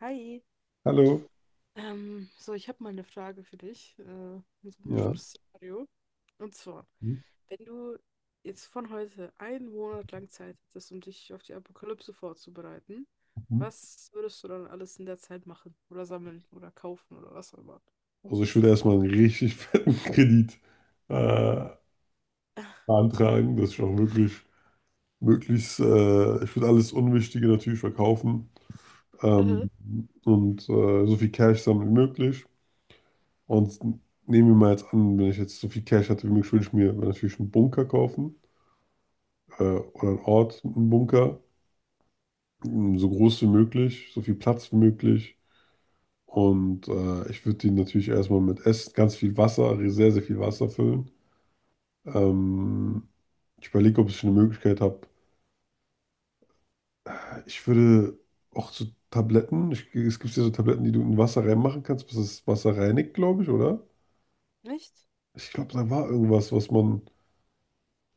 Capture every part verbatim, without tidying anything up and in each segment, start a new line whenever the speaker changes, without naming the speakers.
Hi.
Hallo.
Ähm, so, ich habe mal eine Frage für dich, äh, in so ein
Ja.
bestimmtes Szenario. Und zwar, wenn du jetzt von heute einen Monat lang Zeit hättest, um dich auf die Apokalypse vorzubereiten,
Mhm.
was würdest du dann alles in der Zeit machen? Oder sammeln oder kaufen oder was auch immer?
Also ich würde erstmal einen richtig fetten Kredit äh, beantragen, dass ich auch wirklich möglichst, äh, ich würde alles Unwichtige natürlich verkaufen,
Mhm.
ähm, und äh, so viel Cash sammeln wie möglich. Und nehmen wir mal jetzt an, wenn ich jetzt so viel Cash hatte wie möglich, würde ich mir natürlich einen Bunker kaufen, äh, oder einen Ort, einen Bunker, m, so groß wie möglich, so viel Platz wie möglich. Und äh, ich würde den natürlich erstmal mit Essen, ganz viel Wasser, sehr, sehr viel Wasser füllen. Ähm, Ich überlege, ob ich eine Möglichkeit habe. Ich würde auch so Tabletten, ich, es gibt ja so Tabletten, die du in Wasser reinmachen kannst, bis das Wasser reinigt, glaube ich, oder?
Nicht?
Ich glaube, da war irgendwas, was man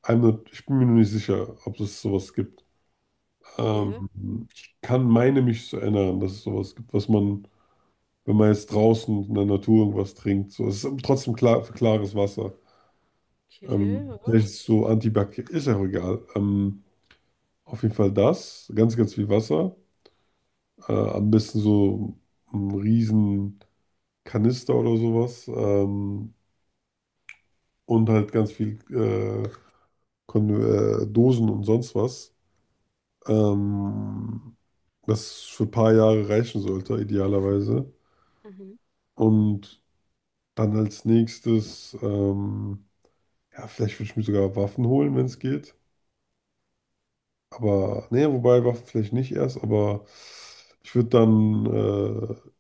einmal, ich bin mir noch nicht sicher, ob es sowas gibt.
Okay,
Ähm, ich kann meine mich zu erinnern, dass es sowas gibt, was man, wenn man jetzt draußen in der Natur irgendwas trinkt, so, es ist trotzdem klar, klares Wasser.
okay,
Ähm,
ja.
vielleicht ist es so antibakteriell, ist ja auch egal. Ähm, auf jeden Fall das, ganz, ganz viel Wasser. Äh, am besten so einen riesen Kanister oder sowas. Ähm, und halt ganz viel äh, Kon äh, Dosen und sonst was. Ähm, das für ein paar Jahre reichen sollte, idealerweise.
Mhm.
Und dann als nächstes, ähm, ja, vielleicht würde ich mir sogar Waffen holen, wenn es geht. Aber, nee, wobei Waffen vielleicht nicht erst, aber ich würde dann, äh,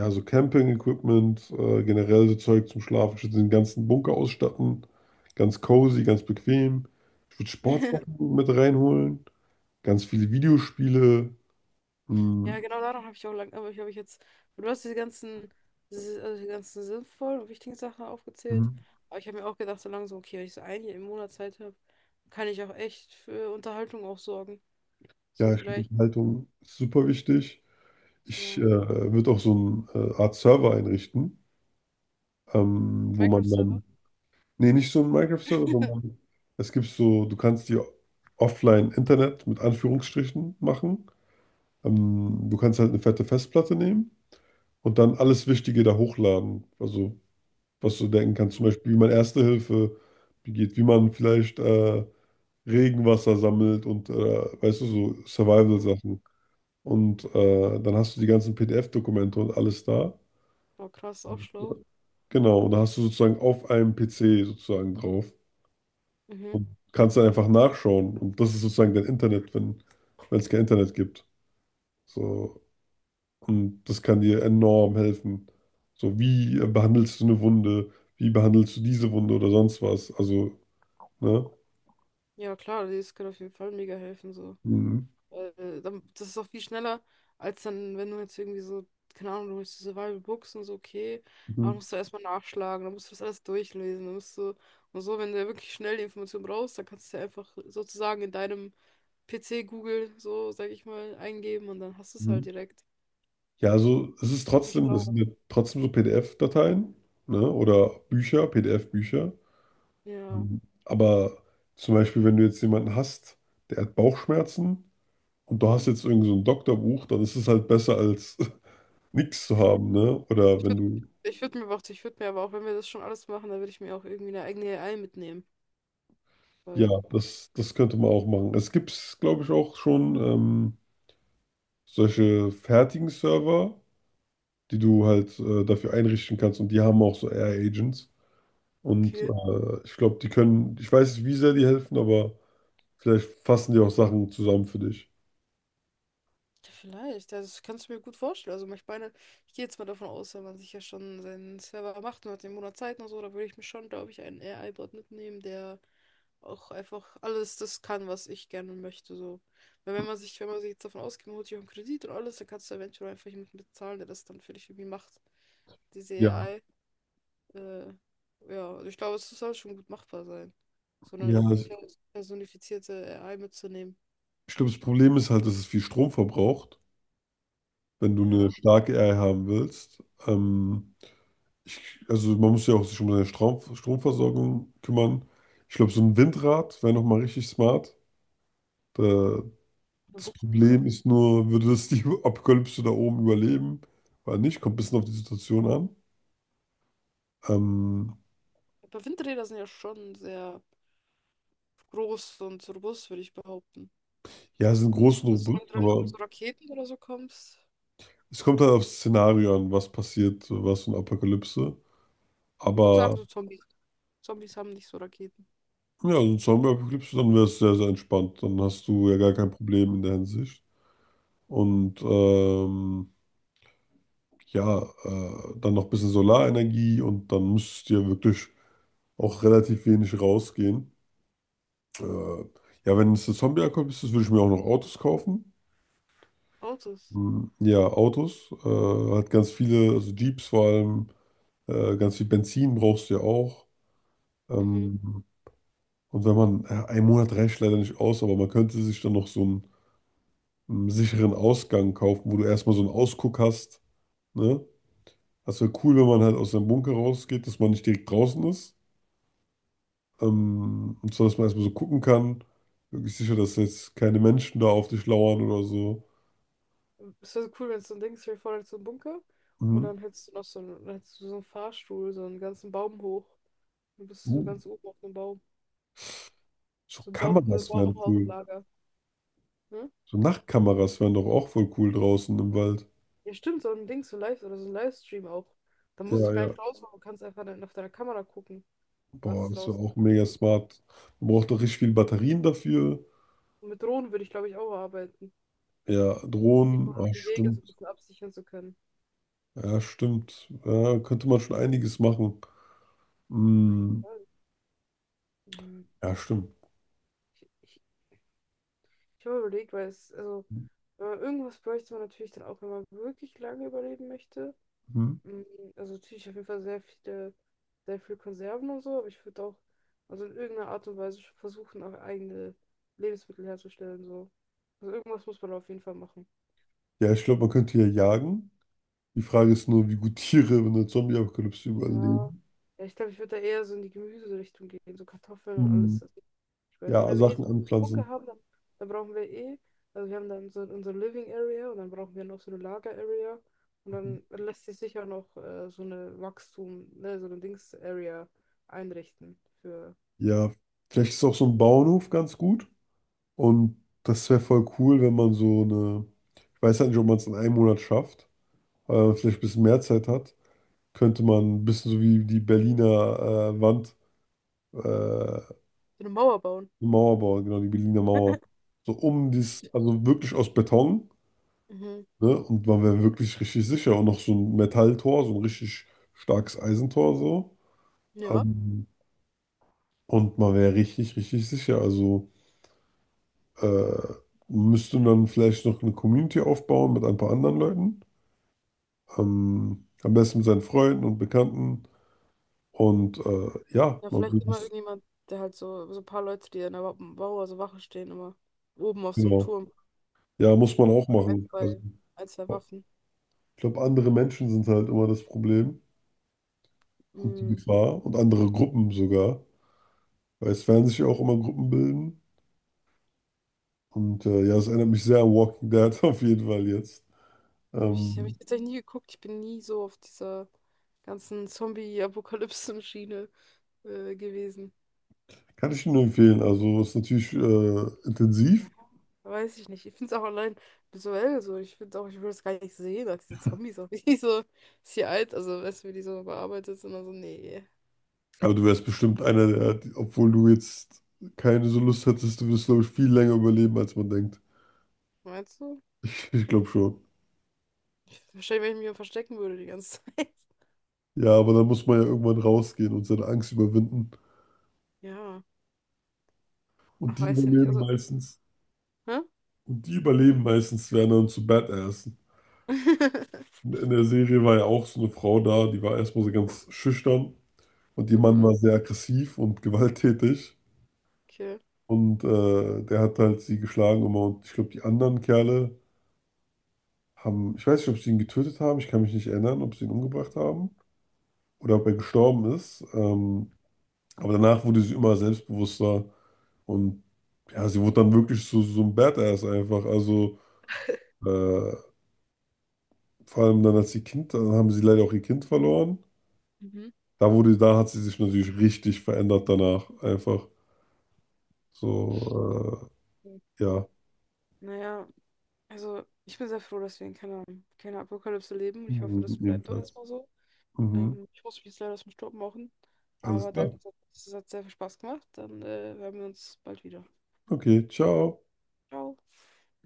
ja, so Camping-Equipment, äh, generell so Zeug zum Schlafen, den ganzen Bunker ausstatten. Ganz cozy, ganz bequem. Ich würde Sportsachen mit reinholen. Ganz viele Videospiele.
Ja,
Mhm.
genau daran habe ich auch lang, aber ich habe ich jetzt, du hast diese ganzen, diese- also die ganzen sinnvollen und wichtigen Sachen aufgezählt.
Mhm.
Aber ich habe mir auch gedacht, so langsam, okay, wenn ich so ein Jahr im Monat Zeit habe, kann ich auch echt für Unterhaltung auch sorgen. So
Ja, ich glaube,
vielleicht,
Unterhaltung ist super wichtig. Ich äh,
ja.
würde auch so eine äh, Art Server einrichten, ähm, wo man dann,
Minecraft-Server.
nee, nicht so ein Minecraft-Server, sondern es gibt so, du kannst dir offline Internet mit Anführungsstrichen machen. Ähm, du kannst halt eine fette Festplatte nehmen und dann alles Wichtige da hochladen. Also, was du denken kannst, zum Beispiel, wie man Erste Hilfe begeht, wie man vielleicht äh, Regenwasser sammelt und, äh, weißt du, so
Mhm.
Survival-Sachen. Und äh, dann hast du die ganzen P D F-Dokumente und alles da.
Oh, krass, auch schlau.
Genau, und da hast du sozusagen auf einem P C sozusagen drauf.
Mhm.
Kannst dann einfach nachschauen und das ist sozusagen dein Internet, wenn wenn es kein Internet gibt. So. Und das kann dir enorm helfen. So, wie äh, behandelst du eine Wunde? Wie behandelst du diese Wunde oder sonst was? Also, ne?
Ja, klar, das kann auf jeden Fall mega helfen, so.
Mhm.
Äh, dann- das ist auch viel schneller, als dann, wenn du jetzt irgendwie so, keine Ahnung, du holst die Survival Books und so, okay, aber
Mhm.
musst du erstmal nachschlagen, dann musst du das alles durchlesen, dann musst du, und so, wenn du ja wirklich schnell die Information brauchst, dann kannst du ja einfach sozusagen in deinem P C Google, so, sag ich mal, eingeben und dann hast du es halt
Mhm.
direkt.
Ja, also es ist
Viel
trotzdem, es
schlauer.
sind ja trotzdem so P D F-Dateien, ne? Oder Bücher, P D F-Bücher.
Ja.
Mhm. Aber zum Beispiel, wenn du jetzt jemanden hast, der hat Bauchschmerzen und du hast jetzt irgend so ein Doktorbuch, dann ist es halt besser als nichts zu haben, ne? Oder
Ich
wenn
würde
du,
ich würd mir aber auch, ich würde mir aber auch, wenn wir das schon alles machen, dann würde ich mir auch irgendwie eine eigene A I mitnehmen,
ja,
weil,
das, das könnte man auch machen. Es gibt, glaube ich, auch schon ähm, solche fertigen Server, die du halt äh, dafür einrichten kannst und die haben auch so A I-Agents. Und
okay.
äh, ich glaube, die können, ich weiß nicht, wie sehr die helfen, aber vielleicht fassen die auch Sachen zusammen für dich.
Ja, vielleicht, ja, das kannst du mir gut vorstellen. Also ich meine, ich gehe jetzt mal davon aus, wenn man sich ja schon seinen Server macht und hat den Monat Zeit und so, da würde ich mir schon, glaube ich, einen A I-Bot mitnehmen, der auch einfach alles das kann, was ich gerne möchte. So. Weil wenn man sich, wenn man sich jetzt davon ausgeht, man holt sich auch einen Kredit und alles, dann kannst du eventuell einfach jemanden bezahlen, der das dann für dich irgendwie macht. Diese
Ja.
A I. Äh, ja, also ich glaube, es soll schon gut machbar sein. So
Ja,
eine
ich
pers- personifizierte A I mitzunehmen.
ich glaube, das Problem ist halt, dass es viel Strom verbraucht, wenn du eine
Ja,
starke A I haben willst. Ähm, ich, also man muss ja auch sich um seine Strom, Stromversorgung kümmern. Ich glaube, so ein Windrad wäre nochmal richtig smart. Da,
eine
das
Bunker.
Problem ist nur, würde das die Apokalypse da oben überleben? Oder nicht? Kommt ein bisschen auf die Situation an. Ähm,
Aber Windräder sind ja schon sehr groß und robust, würde ich behaupten.
ja, sie sind groß und
Also solange
robust,
du da nicht mit
aber
so Raketen oder so kommst,
es kommt halt aufs Szenario an, was passiert, was für eine Apokalypse.
ich würd
Aber
sagen so Zombies. Zombies haben nicht so Raketen.
ja, so eine Zombie-Apokalypse, dann wäre es sehr, sehr entspannt. Dann hast du ja gar
Ja.
kein Problem in der Hinsicht. Und ähm, ja, äh, dann noch ein bisschen Solarenergie und dann müsstest du ja wirklich auch relativ wenig rausgehen. Äh, ja, wenn es eine Zombie-Apokalypse ist, würde ich mir auch noch Autos kaufen.
Autos.
Hm, ja, Autos. Äh, hat ganz viele, also Jeeps vor allem, äh, ganz viel Benzin brauchst du ja auch.
Mhm.
Ähm, und wenn man, ja, ein Monat reicht leider nicht aus, aber man könnte sich dann noch so einen, einen sicheren Ausgang kaufen, wo du erstmal so einen Ausguck hast. Ne? Das wäre cool, wenn man halt aus seinem Bunker rausgeht, dass man nicht direkt draußen ist. Ähm, und zwar, dass man erstmal so gucken kann. Wirklich sicher, dass jetzt keine Menschen da auf dich lauern oder so.
Es wäre so cool, wenn es so ein Ding ist, stell dir vor, da ist so ein Bunker und
Mhm.
dann hättest du noch so einen, dann hättest du so einen Fahrstuhl, so einen ganzen Baum hoch. Du bist du so
Uh.
ganz oben auf dem Baum.
So
So ein Baum, so ein
Kameras wären cool.
Baumhauslager. Ne?
So Nachtkameras wären doch auch voll cool draußen im Wald.
Ja, stimmt, so ein Ding, so ein Live oder so ein Livestream auch. Da musst
Ja,
du gar
ja.
nicht raus, du kannst einfach dann auf deiner Kamera gucken,
Boah,
was
das wäre
draußen
auch mega
abgeht.
smart. Man braucht doch richtig viel Batterien dafür.
Und mit Drohnen würde ich, glaube ich, auch arbeiten.
Ja, Drohnen.
Einfach um
Ah,
die Wege so ein
stimmt.
bisschen absichern zu können.
Ja, stimmt. Ja, könnte man schon einiges machen.
Auf jeden
Hm.
Fall. Mhm.
Ja, stimmt.
Ich, ich, Ich habe überlegt, weil es, also, äh, irgendwas bräuchte man natürlich dann auch, wenn man wirklich lange überleben möchte.
Hm.
Mhm. Also natürlich auf jeden Fall sehr viele, sehr viel Konserven und so, aber ich würde auch, also in irgendeiner Art und Weise schon versuchen, auch eigene Lebensmittel herzustellen, so. Also irgendwas muss man auf jeden Fall machen.
Ja, ich glaube, man könnte ja jagen. Die Frage ist nur, wie gut Tiere in der Zombie-Apokalypse
Ja.
überleben.
Ja, ich glaube, ich würde da eher so in die Gemüserichtung gehen, so Kartoffeln und
Hm.
alles. Also, ich mein,
Ja,
wenn wir eh so
Sachen
einen Bunker
anpflanzen.
haben, dann, dann brauchen wir eh, also wir haben dann so unsere Living Area und dann brauchen wir noch so eine Lager Area und
Mhm.
dann lässt sich sicher noch äh, so eine Wachstum, ne, so eine Dings Area einrichten für,
Ja, vielleicht ist auch so ein Bauernhof ganz gut. Und das wäre voll cool, wenn man so eine, ich weiß halt nicht, ob man es in einem Monat schafft, aber wenn man vielleicht ein bisschen mehr Zeit hat, könnte man ein bisschen so wie die Berliner äh, Wand, äh, eine
für eine Mauer bauen.
Mauer bauen, genau, die Berliner Mauer. So um dies, also wirklich aus Beton,
Mhm.
ne? Und man wäre wirklich richtig sicher. Und noch so ein Metalltor, so ein richtig starkes Eisentor so.
Ja.
Ähm, und man wäre richtig, richtig sicher. Also äh, müsste dann vielleicht noch eine Community aufbauen mit ein paar anderen Leuten. Ähm, am besten mit seinen Freunden und Bekannten. Und äh, ja,
Ja,
man
vielleicht immer
muss,
irgendjemand, der halt so, so ein paar Leute, die an der Wa- Mauer so Wache stehen, immer oben auf so einem
ja,
Turm,
ja, muss man auch
ein,
machen. Also,
zwei, ein, zwei Waffen.
ich glaube, andere Menschen sind halt immer das Problem und die Gefahr und andere Gruppen sogar. Weil es werden sich auch immer Gruppen bilden. Und äh, ja, es erinnert mich sehr an Walking Dead auf jeden Fall jetzt.
Ich habe
Ähm,
ich tatsächlich nie geguckt. Ich bin nie so auf dieser ganzen Zombie-Apokalypsen-Schiene äh, gewesen.
kann ich nur empfehlen. Also, es ist natürlich äh, intensiv,
Ja, weiß ich nicht. Ich finde es auch allein visuell so. Ich finde auch, ich würde es gar nicht sehen, als diese Zombies auch wie so ist hier alt, also weißt du, wie die so bearbeitet sind. Also, nee.
aber du wärst bestimmt einer der, obwohl du jetzt keine so Lust hättest, du wirst, glaube ich, viel länger überleben, als man denkt.
Meinst du?
Ich ich glaube schon.
Ich, wahrscheinlich, wenn ich mich hier verstecken würde die ganze Zeit.
Ja, aber dann muss man ja irgendwann rausgehen und seine Angst überwinden.
Ja.
Und
Ach,
die
weiß ja nicht.
überleben
Also,
meistens.
hä?
Und die überleben meistens, werden dann zu Badassen. In in der Serie war ja auch so eine Frau da, die war erstmal so ganz schüchtern. Und ihr Mann
Mhm,
war sehr aggressiv und gewalttätig.
okay.
Und äh, der hat halt sie geschlagen immer. Und ich glaube, die anderen Kerle haben, ich weiß nicht, ob sie ihn getötet haben. Ich kann mich nicht erinnern, ob sie ihn umgebracht haben oder ob er gestorben ist. Ähm, aber danach wurde sie immer selbstbewusster. Und ja, sie wurde dann wirklich so, so ein Badass einfach. Also äh, vor allem dann als sie Kind, dann haben sie leider auch ihr Kind verloren.
Mhm.
Da wurde, da hat sie sich natürlich richtig verändert danach. Einfach so,
Mhm.
äh, ja.
Naja. Also, ich bin sehr froh, dass wir in keiner, keiner Apokalypse leben. Ich hoffe,
Mhm,
das bleibt doch
jedenfalls.
erstmal so.
Mhm.
Ähm, ich muss mich jetzt leider aus dem Staub machen.
Alles
Aber
klar.
danke, es hat es hat sehr viel Spaß gemacht. Dann äh, hören wir uns bald wieder.
Okay, ciao.
Ciao.